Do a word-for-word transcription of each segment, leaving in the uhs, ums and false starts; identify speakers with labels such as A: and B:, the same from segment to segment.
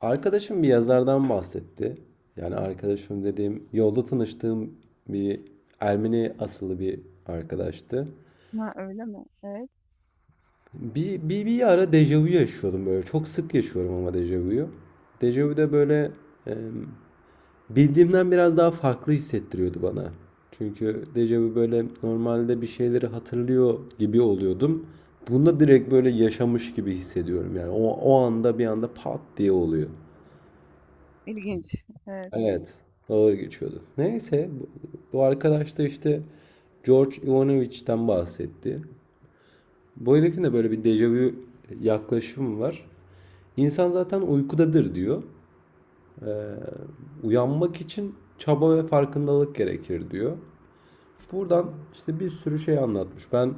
A: Arkadaşım bir yazardan bahsetti. Yani arkadaşım dediğim yolda tanıştığım bir Ermeni asıllı bir arkadaştı.
B: Ha, öyle mi? Evet.
A: Bir, bir, bir ara dejavu yaşıyordum böyle. Çok sık yaşıyorum ama dejavuyu. Dejavu da böyle e, bildiğimden biraz daha farklı hissettiriyordu bana. Çünkü dejavu böyle normalde bir şeyleri hatırlıyor gibi oluyordum. Bunda direkt böyle yaşamış gibi hissediyorum. Yani o, o anda bir anda pat diye oluyor.
B: İlginç. Evet,
A: Evet. Ağır geçiyordu. Neyse bu, bu arkadaş da işte George Ivanovich'ten bahsetti. Bu herifin de böyle bir dejavu yaklaşımı var. İnsan zaten uykudadır diyor. Uyanmak için çaba ve farkındalık gerekir diyor. Buradan işte bir sürü şey anlatmış. Ben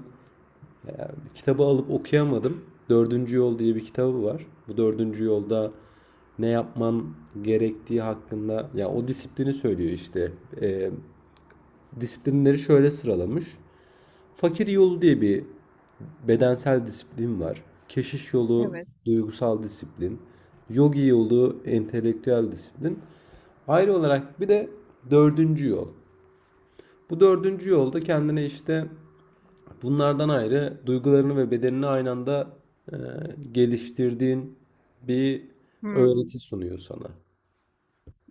A: kitabı alıp okuyamadım. Dördüncü Yol diye bir kitabı var. Bu dördüncü yolda ne yapman gerektiği hakkında ya o disiplini söylüyor işte. Ee, Disiplinleri şöyle sıralamış. Fakir yolu diye bir bedensel disiplin var. Keşiş yolu
B: evet.
A: duygusal disiplin. Yogi yolu entelektüel disiplin. Ayrı olarak bir de dördüncü yol. Bu dördüncü yolda kendine işte bunlardan ayrı duygularını ve bedenini aynı anda e, geliştirdiğin bir
B: Hımm.
A: öğreti sunuyor sana.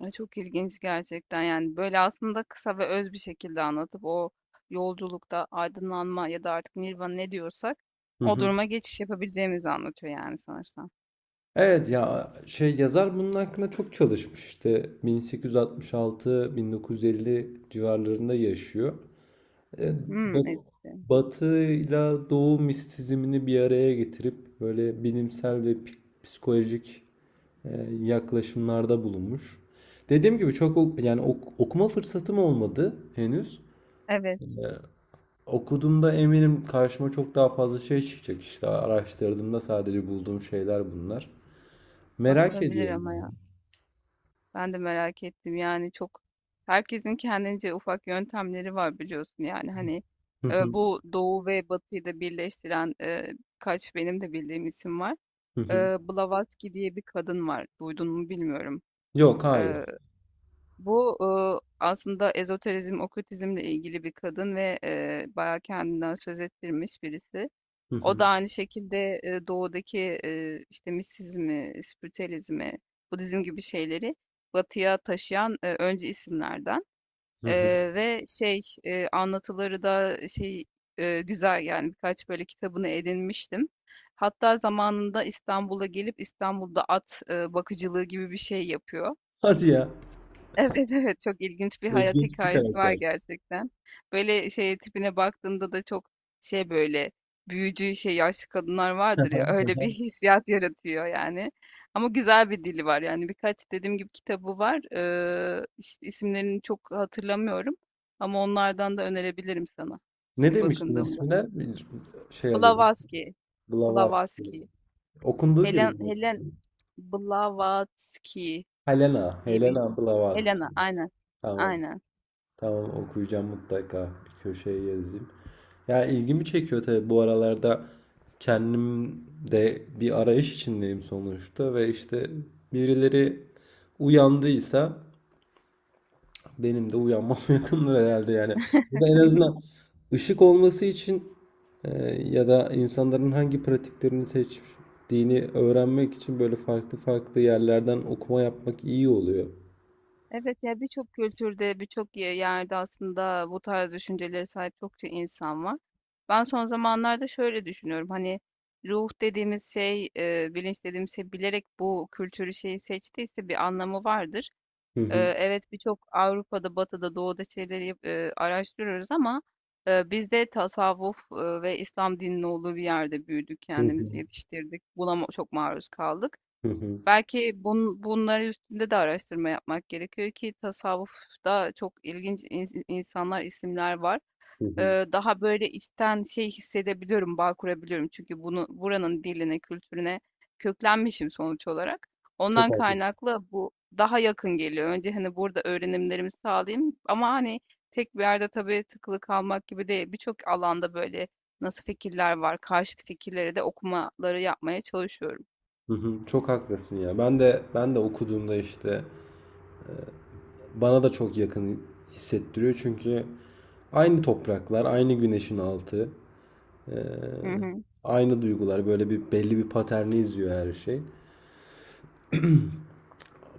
B: Ay, çok ilginç gerçekten, yani, böyle, aslında kısa ve öz bir şekilde anlatıp o yolculukta aydınlanma ya da artık nirvana ne diyorsak
A: Hı
B: o
A: hı.
B: duruma geçiş yapabileceğimizi anlatıyor, yani, sanırsam.
A: Evet ya şey yazar bunun hakkında çok çalışmış işte bin sekiz yüz altmış altı-bin dokuz yüz elli civarlarında yaşıyor. E,
B: Hımm,
A: ba-
B: ettim.
A: Batı ile Doğu mistisizmini bir araya getirip böyle bilimsel ve pi- psikolojik e, yaklaşımlarda bulunmuş. Dediğim gibi çok o- yani ok- okuma fırsatım olmadı henüz.
B: Evet,
A: Okuduğumda eminim karşıma çok daha fazla şey çıkacak işte araştırdığımda sadece bulduğum şeyler bunlar. Merak
B: bakılabilir
A: ediyorum.
B: ama ya. Ben de merak ettim, yani, çok herkesin kendince ufak yöntemleri var biliyorsun, yani, hani, eee, bu Doğu ve Batı'yı da birleştiren, eee, birkaç benim de bildiğim isim var.
A: Hı hı.
B: Eee, Blavatsky diye bir kadın var. Duydun mu bilmiyorum.
A: Yok, hayır.
B: Eee, bu, ııı, aslında ezoterizm, okültizmle ilgili bir kadın ve, eee, bayağı kendinden söz ettirmiş birisi.
A: Hı
B: O da
A: hı.
B: aynı şekilde, eee, doğudaki, eee, işte, mistisizmi, spiritüelizmi, budizm gibi şeyleri batıya taşıyan, eee, öncü isimlerden.
A: Hı hı.
B: Eee, ve şey, eee, anlatıları da şey, eee, güzel yani birkaç böyle kitabını edinmiştim. Hatta zamanında İstanbul'a gelip İstanbul'da at eee, bakıcılığı gibi bir şey yapıyor.
A: Hadi ya.
B: Evet, evet. Çok ilginç bir hayat
A: İlginç bir
B: hikayesi var
A: karakter.
B: gerçekten. Böyle, şey, tipine baktığında da çok şey, böyle, büyücü, şey, yaşlı kadınlar
A: Hı
B: vardır
A: hı,
B: ya,
A: hı
B: öyle
A: hı.
B: bir hissiyat yaratıyor yani. Ama güzel bir dili var yani. Birkaç dediğim gibi kitabı var. Eee, iş isimlerini çok hatırlamıyorum ama onlardan da önerebilirim sana
A: Ne
B: bir
A: demiştin
B: bakındığımda.
A: ismine? Bir şey alayım.
B: Blavatsky,
A: Blavatsky.
B: Blavatsky.
A: Okunduğu gibi
B: Helen
A: mi?
B: Helen Blavatsky
A: Helena.
B: diye bir
A: Helena Blavatsky.
B: Helena, aynen.
A: Tamam.
B: Aynen.
A: Tamam, okuyacağım mutlaka. Bir köşeye yazayım. Ya ilgimi çekiyor tabii, bu aralarda kendim de bir arayış içindeyim sonuçta ve işte birileri uyandıysa benim de uyanmam yakındır herhalde yani. Burada en azından ışık olması için e, ya da insanların hangi pratiklerini seçtiğini öğrenmek için böyle farklı farklı yerlerden okuma yapmak iyi oluyor.
B: Evet ya birçok kültürde, birçok ye- yerde aslında bu tarz düşüncelere sahip çokça insan var. Ben son zamanlarda şöyle düşünüyorum. Hani ruh dediğimiz şey, e, bilinç dediğimiz şey bilerek bu kültürü şeyi seçtiyse bir anlamı vardır.
A: Hı
B: E,
A: hı.
B: evet birçok Avrupa'da, Batı'da, Doğu'da şeyleri yap- e, araştırıyoruz ama e, biz de tasavvuf e, ve İslam dininin olduğu bir yerde büyüdük,
A: Hı
B: kendimizi
A: hı.
B: yetiştirdik. Buna ma- çok maruz kaldık.
A: Hı hı.
B: Belki bun, bunları üstünde de araştırma yapmak gerekiyor ki tasavvufta çok ilginç ins- insanlar, isimler var.
A: Hı hı.
B: Ee, daha böyle içten şey hissedebiliyorum, bağ kurabiliyorum. Çünkü bunu buranın diline, kültürüne köklenmişim sonuç olarak.
A: Çok
B: Ondan
A: haklısın.
B: kaynaklı bu daha yakın geliyor. Önce hani burada öğrenimlerimi sağlayayım ama hani tek bir yerde tabii tıkılı kalmak gibi değil. Birçok alanda böyle nasıl fikirler var, karşıt fikirleri de okumaları yapmaya çalışıyorum.
A: Hı hı. Çok haklısın ya. Ben de ben de okuduğumda işte bana da çok yakın hissettiriyor çünkü aynı topraklar, aynı güneşin altı. Ee,
B: Hı hı.
A: Aynı duygular böyle bir belli bir paterni izliyor her şey.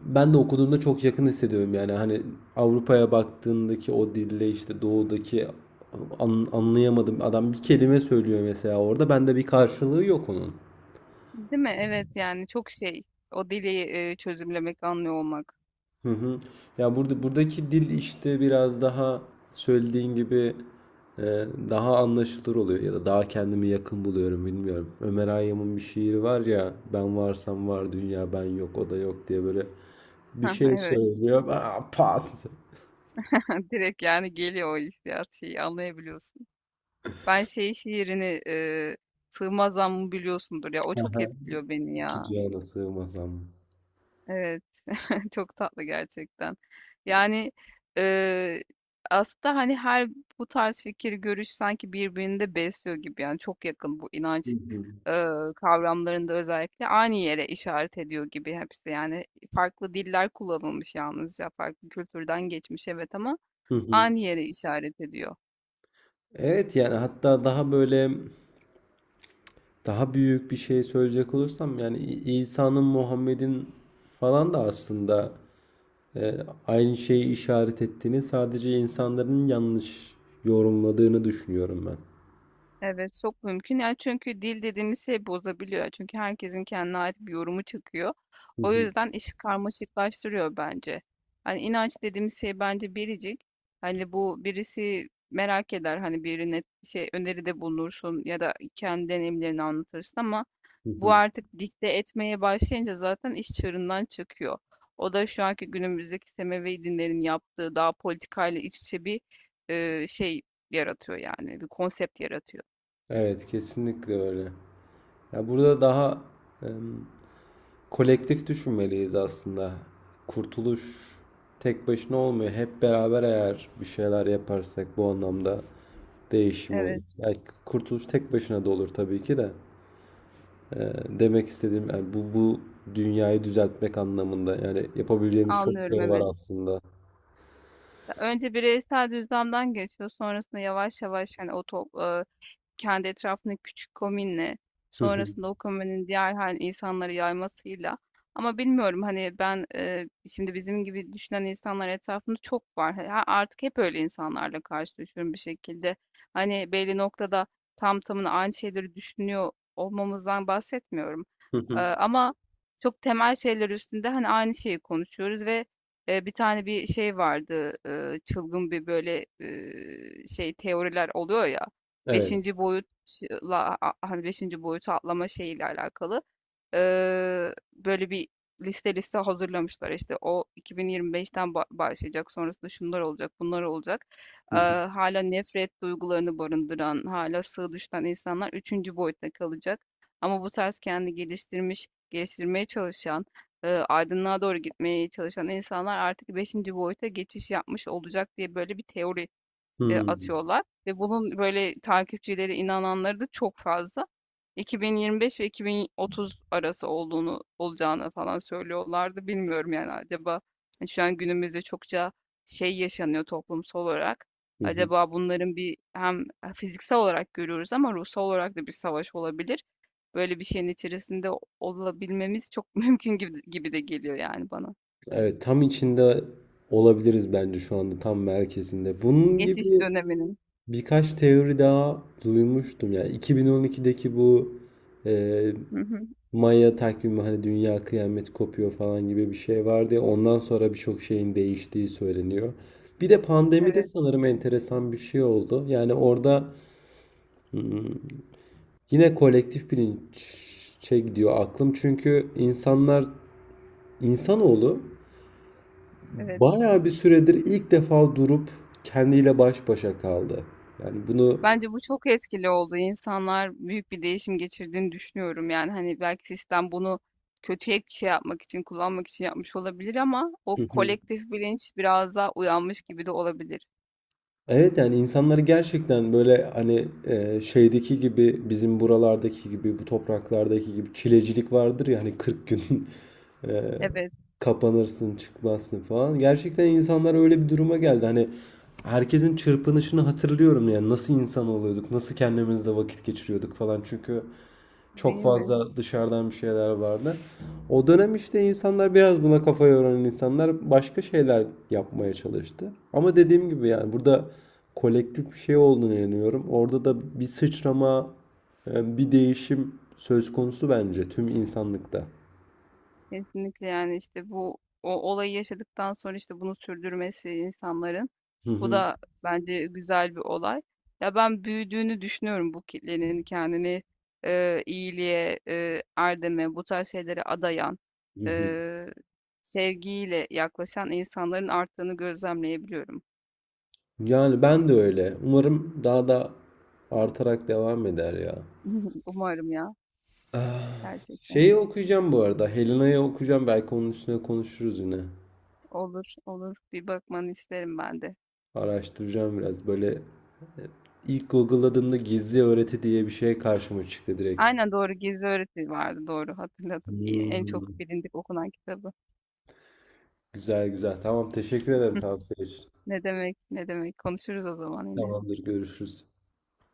A: Ben de okuduğumda çok yakın hissediyorum yani hani Avrupa'ya baktığındaki o dille işte doğudaki an- anlayamadım, adam bir kelime söylüyor mesela, orada bende bir karşılığı yok onun.
B: Değil mi? Evet yani çok şey. O deliği e, çözümlemek, anlıyor olmak.
A: Hı hı. Ya burada buradaki dil işte biraz daha söylediğin gibi e, daha anlaşılır oluyor ya da daha kendimi yakın buluyorum, bilmiyorum. Ömer Hayyam'ın bir şiiri var ya, ben varsam var dünya, ben yok o da yok diye böyle bir
B: Hı,
A: şey
B: evet.
A: söylüyor. Aa, pat.
B: Direkt yani geliyor o hissiyat şeyi anlayabiliyorsun. Ben şey şiirini e, Sığmaz Zammı biliyorsundur ya. O çok
A: Aha,
B: etkiliyor beni
A: İki
B: ya.
A: cihana sığmasam.
B: Evet. Çok tatlı gerçekten. Yani e, aslında hani her bu tarz fikir, görüş sanki birbirini de besliyor gibi. Yani çok yakın bu
A: Hı
B: inanç
A: hı.
B: eee, kavramlarında özellikle aynı yere işaret ediyor gibi hepsi. Yani farklı diller kullanılmış yalnızca farklı kültürden geçmiş evet ama
A: Hı hı.
B: aynı yere işaret ediyor.
A: Evet, yani hatta daha böyle daha büyük bir şey söyleyecek olursam yani İ- İsa'nın, Muhammed'in falan da aslında E, aynı şeyi işaret ettiğini, sadece insanların yanlış yorumladığını düşünüyorum ben.
B: Evet, çok mümkün. Yani çünkü dil dediğimiz şey bozabiliyor. Çünkü herkesin kendine ait bir yorumu çıkıyor.
A: Hı
B: O
A: hı,
B: yüzden işi karmaşıklaştırıyor bence. Hani inanç dediğimiz şey bence biricik. Hani bu birisi merak eder. Hani birine şey öneride bulunursun ya da kendi deneyimlerini anlatırsın ama
A: hı
B: bu
A: hı.
B: artık dikte etmeye başlayınca zaten iş çığırından çıkıyor. O da şu anki günümüzdeki Semevi dinlerin yaptığı daha politikayla iç içe bir e, şey yaratıyor yani bir konsept yaratıyor.
A: Evet, kesinlikle öyle. Ya burada daha em, kolektif düşünmeliyiz aslında. Kurtuluş tek başına olmuyor. Hep beraber eğer bir şeyler yaparsak bu anlamda değişim olur.
B: Evet,
A: Yani kurtuluş tek başına da olur tabii ki de. E, Demek istediğim yani bu bu dünyayı düzeltmek anlamında yani yapabileceğimiz çok şey
B: anlıyorum evet.
A: var aslında.
B: Önce bireysel düzlemden geçiyor. Sonrasında yavaş yavaş hani o top, e, kendi etrafındaki küçük komünle,
A: Hı hı.
B: sonrasında o komünün diğer hani insanları yaymasıyla. Ama bilmiyorum hani ben e, şimdi bizim gibi düşünen insanlar etrafında çok var. Ha- Artık hep öyle insanlarla karşılaşıyorum bir şekilde. Hani belli noktada tam tamına aynı şeyleri düşünüyor olmamızdan bahsetmiyorum.
A: Hı
B: E,
A: hı.
B: ama çok temel şeyler üstünde hani aynı şeyi konuşuyoruz ve e, bir tane bir şey vardı e, çılgın bir böyle e, şey teoriler oluyor ya.
A: Evet.
B: Beşinci boyutla a- hani beşinci boyutu atlama şeyiyle alakalı eee, böyle bir liste liste hazırlamışlar. İşte o iki bin yirmi beşten ba- başlayacak, sonrasında şunlar olacak, bunlar olacak.
A: Hı
B: Eee,
A: hı.
B: hala nefret duygularını barındıran, hala sığ düşten insanlar üçüncü boyutta kalacak. Ama bu tarz kendi geliştirmiş, geliştirmeye çalışan, eee, aydınlığa doğru gitmeye çalışan insanlar artık beşinci boyuta geçiş yapmış olacak diye böyle bir teori eee,
A: Hımm.
B: atıyorlar ve bunun böyle takipçileri, inananları da çok fazla. iki bin yirmi beş ve iki bin otuz arası olduğunu olacağını falan söylüyorlardı. Bilmiyorum yani acaba hani şu an günümüzde çokça şey yaşanıyor toplumsal olarak.
A: Hı hı.
B: Acaba bunların bir hem e, fiziksel olarak görüyoruz ama ruhsal olarak da bir savaş olabilir. Böyle bir şeyin içerisinde olabilmemiz çok mümkün gibi, gibi de geliyor yani bana.
A: Evet, tam içinde olabiliriz bence şu anda, tam merkezinde. Bunun
B: Geçiş
A: gibi
B: döneminin.
A: birkaç teori daha duymuştum. Yani iki bin on ikideki bu e,
B: Hı hı,
A: Maya takvimi, hani dünya kıyamet kopuyor falan gibi bir şey vardı ya. Ondan sonra birçok şeyin değiştiği söyleniyor. Bir de pandemide
B: evet,
A: sanırım enteresan bir şey oldu. Yani orada hmm, yine kolektif bilinç şey, gidiyor aklım. Çünkü insanlar, İnsanoğlu
B: evet.
A: bayağı bir süredir ilk defa durup kendiyle baş başa kaldı. Yani bunu
B: Bence bu çok etkili oldu. İnsanlar büyük bir değişim geçirdiğini düşünüyorum. Yani hani belki sistem bunu kötüye bir şey yapmak için, kullanmak için yapmış olabilir ama o
A: hı hı.
B: kolektif bilinç biraz daha uyanmış gibi de olabilir.
A: Evet, yani insanları gerçekten böyle hani e, şeydeki gibi, bizim buralardaki gibi, bu topraklardaki gibi çilecilik vardır ya hani kırk gün e,
B: Evet.
A: kapanırsın çıkmazsın falan. Gerçekten insanlar öyle bir duruma geldi. Hani herkesin çırpınışını hatırlıyorum yani nasıl insan oluyorduk, nasıl kendimizle vakit geçiriyorduk falan. Çünkü çok
B: Değil mi?
A: fazla dışarıdan bir şeyler vardı. O dönem işte insanlar, biraz buna kafa yoran insanlar başka şeyler yapmaya çalıştı. Ama dediğim gibi yani burada kolektif bir şey olduğunu inanıyorum. Orada da bir sıçrama, e, bir değişim söz konusu bence tüm insanlıkta.
B: Kesinlikle, yani, işte, bu o olayı yaşadıktan sonra, işte, bunu sürdürmesi insanların,
A: Hı
B: bu
A: hı,
B: da bence güzel bir olay. Ya, ben büyüdüğünü düşünüyorum bu kitlenin kendini, eee, iyiliğe, eee, erdeme, bu tarz şeylere adayan,
A: hı hı.
B: eee, sevgiyle yaklaşan insanların arttığını gözlemleyebiliyorum.
A: Yani ben de öyle. Umarım daha da artarak devam eder ya.
B: Umarım ya,
A: Ah,
B: gerçekten.
A: şeyi okuyacağım bu arada. Helena'yı okuyacağım. Belki onun üstüne konuşuruz yine.
B: Olur, olur. Bir bakmanı isterim ben de.
A: Araştıracağım biraz. Böyle ilk Google'ladığımda gizli öğreti diye bir şey karşıma çıktı direkt.
B: Aynen, doğru. Gizli Öğreti vardı, doğru hatırladım. En
A: Hmm.
B: çok bilindik okunan kitabı.
A: Güzel güzel. Tamam, teşekkür ederim tavsiye için.
B: Ne demek, ne demek. Konuşuruz o zaman yine.
A: Tamamdır, görüşürüz.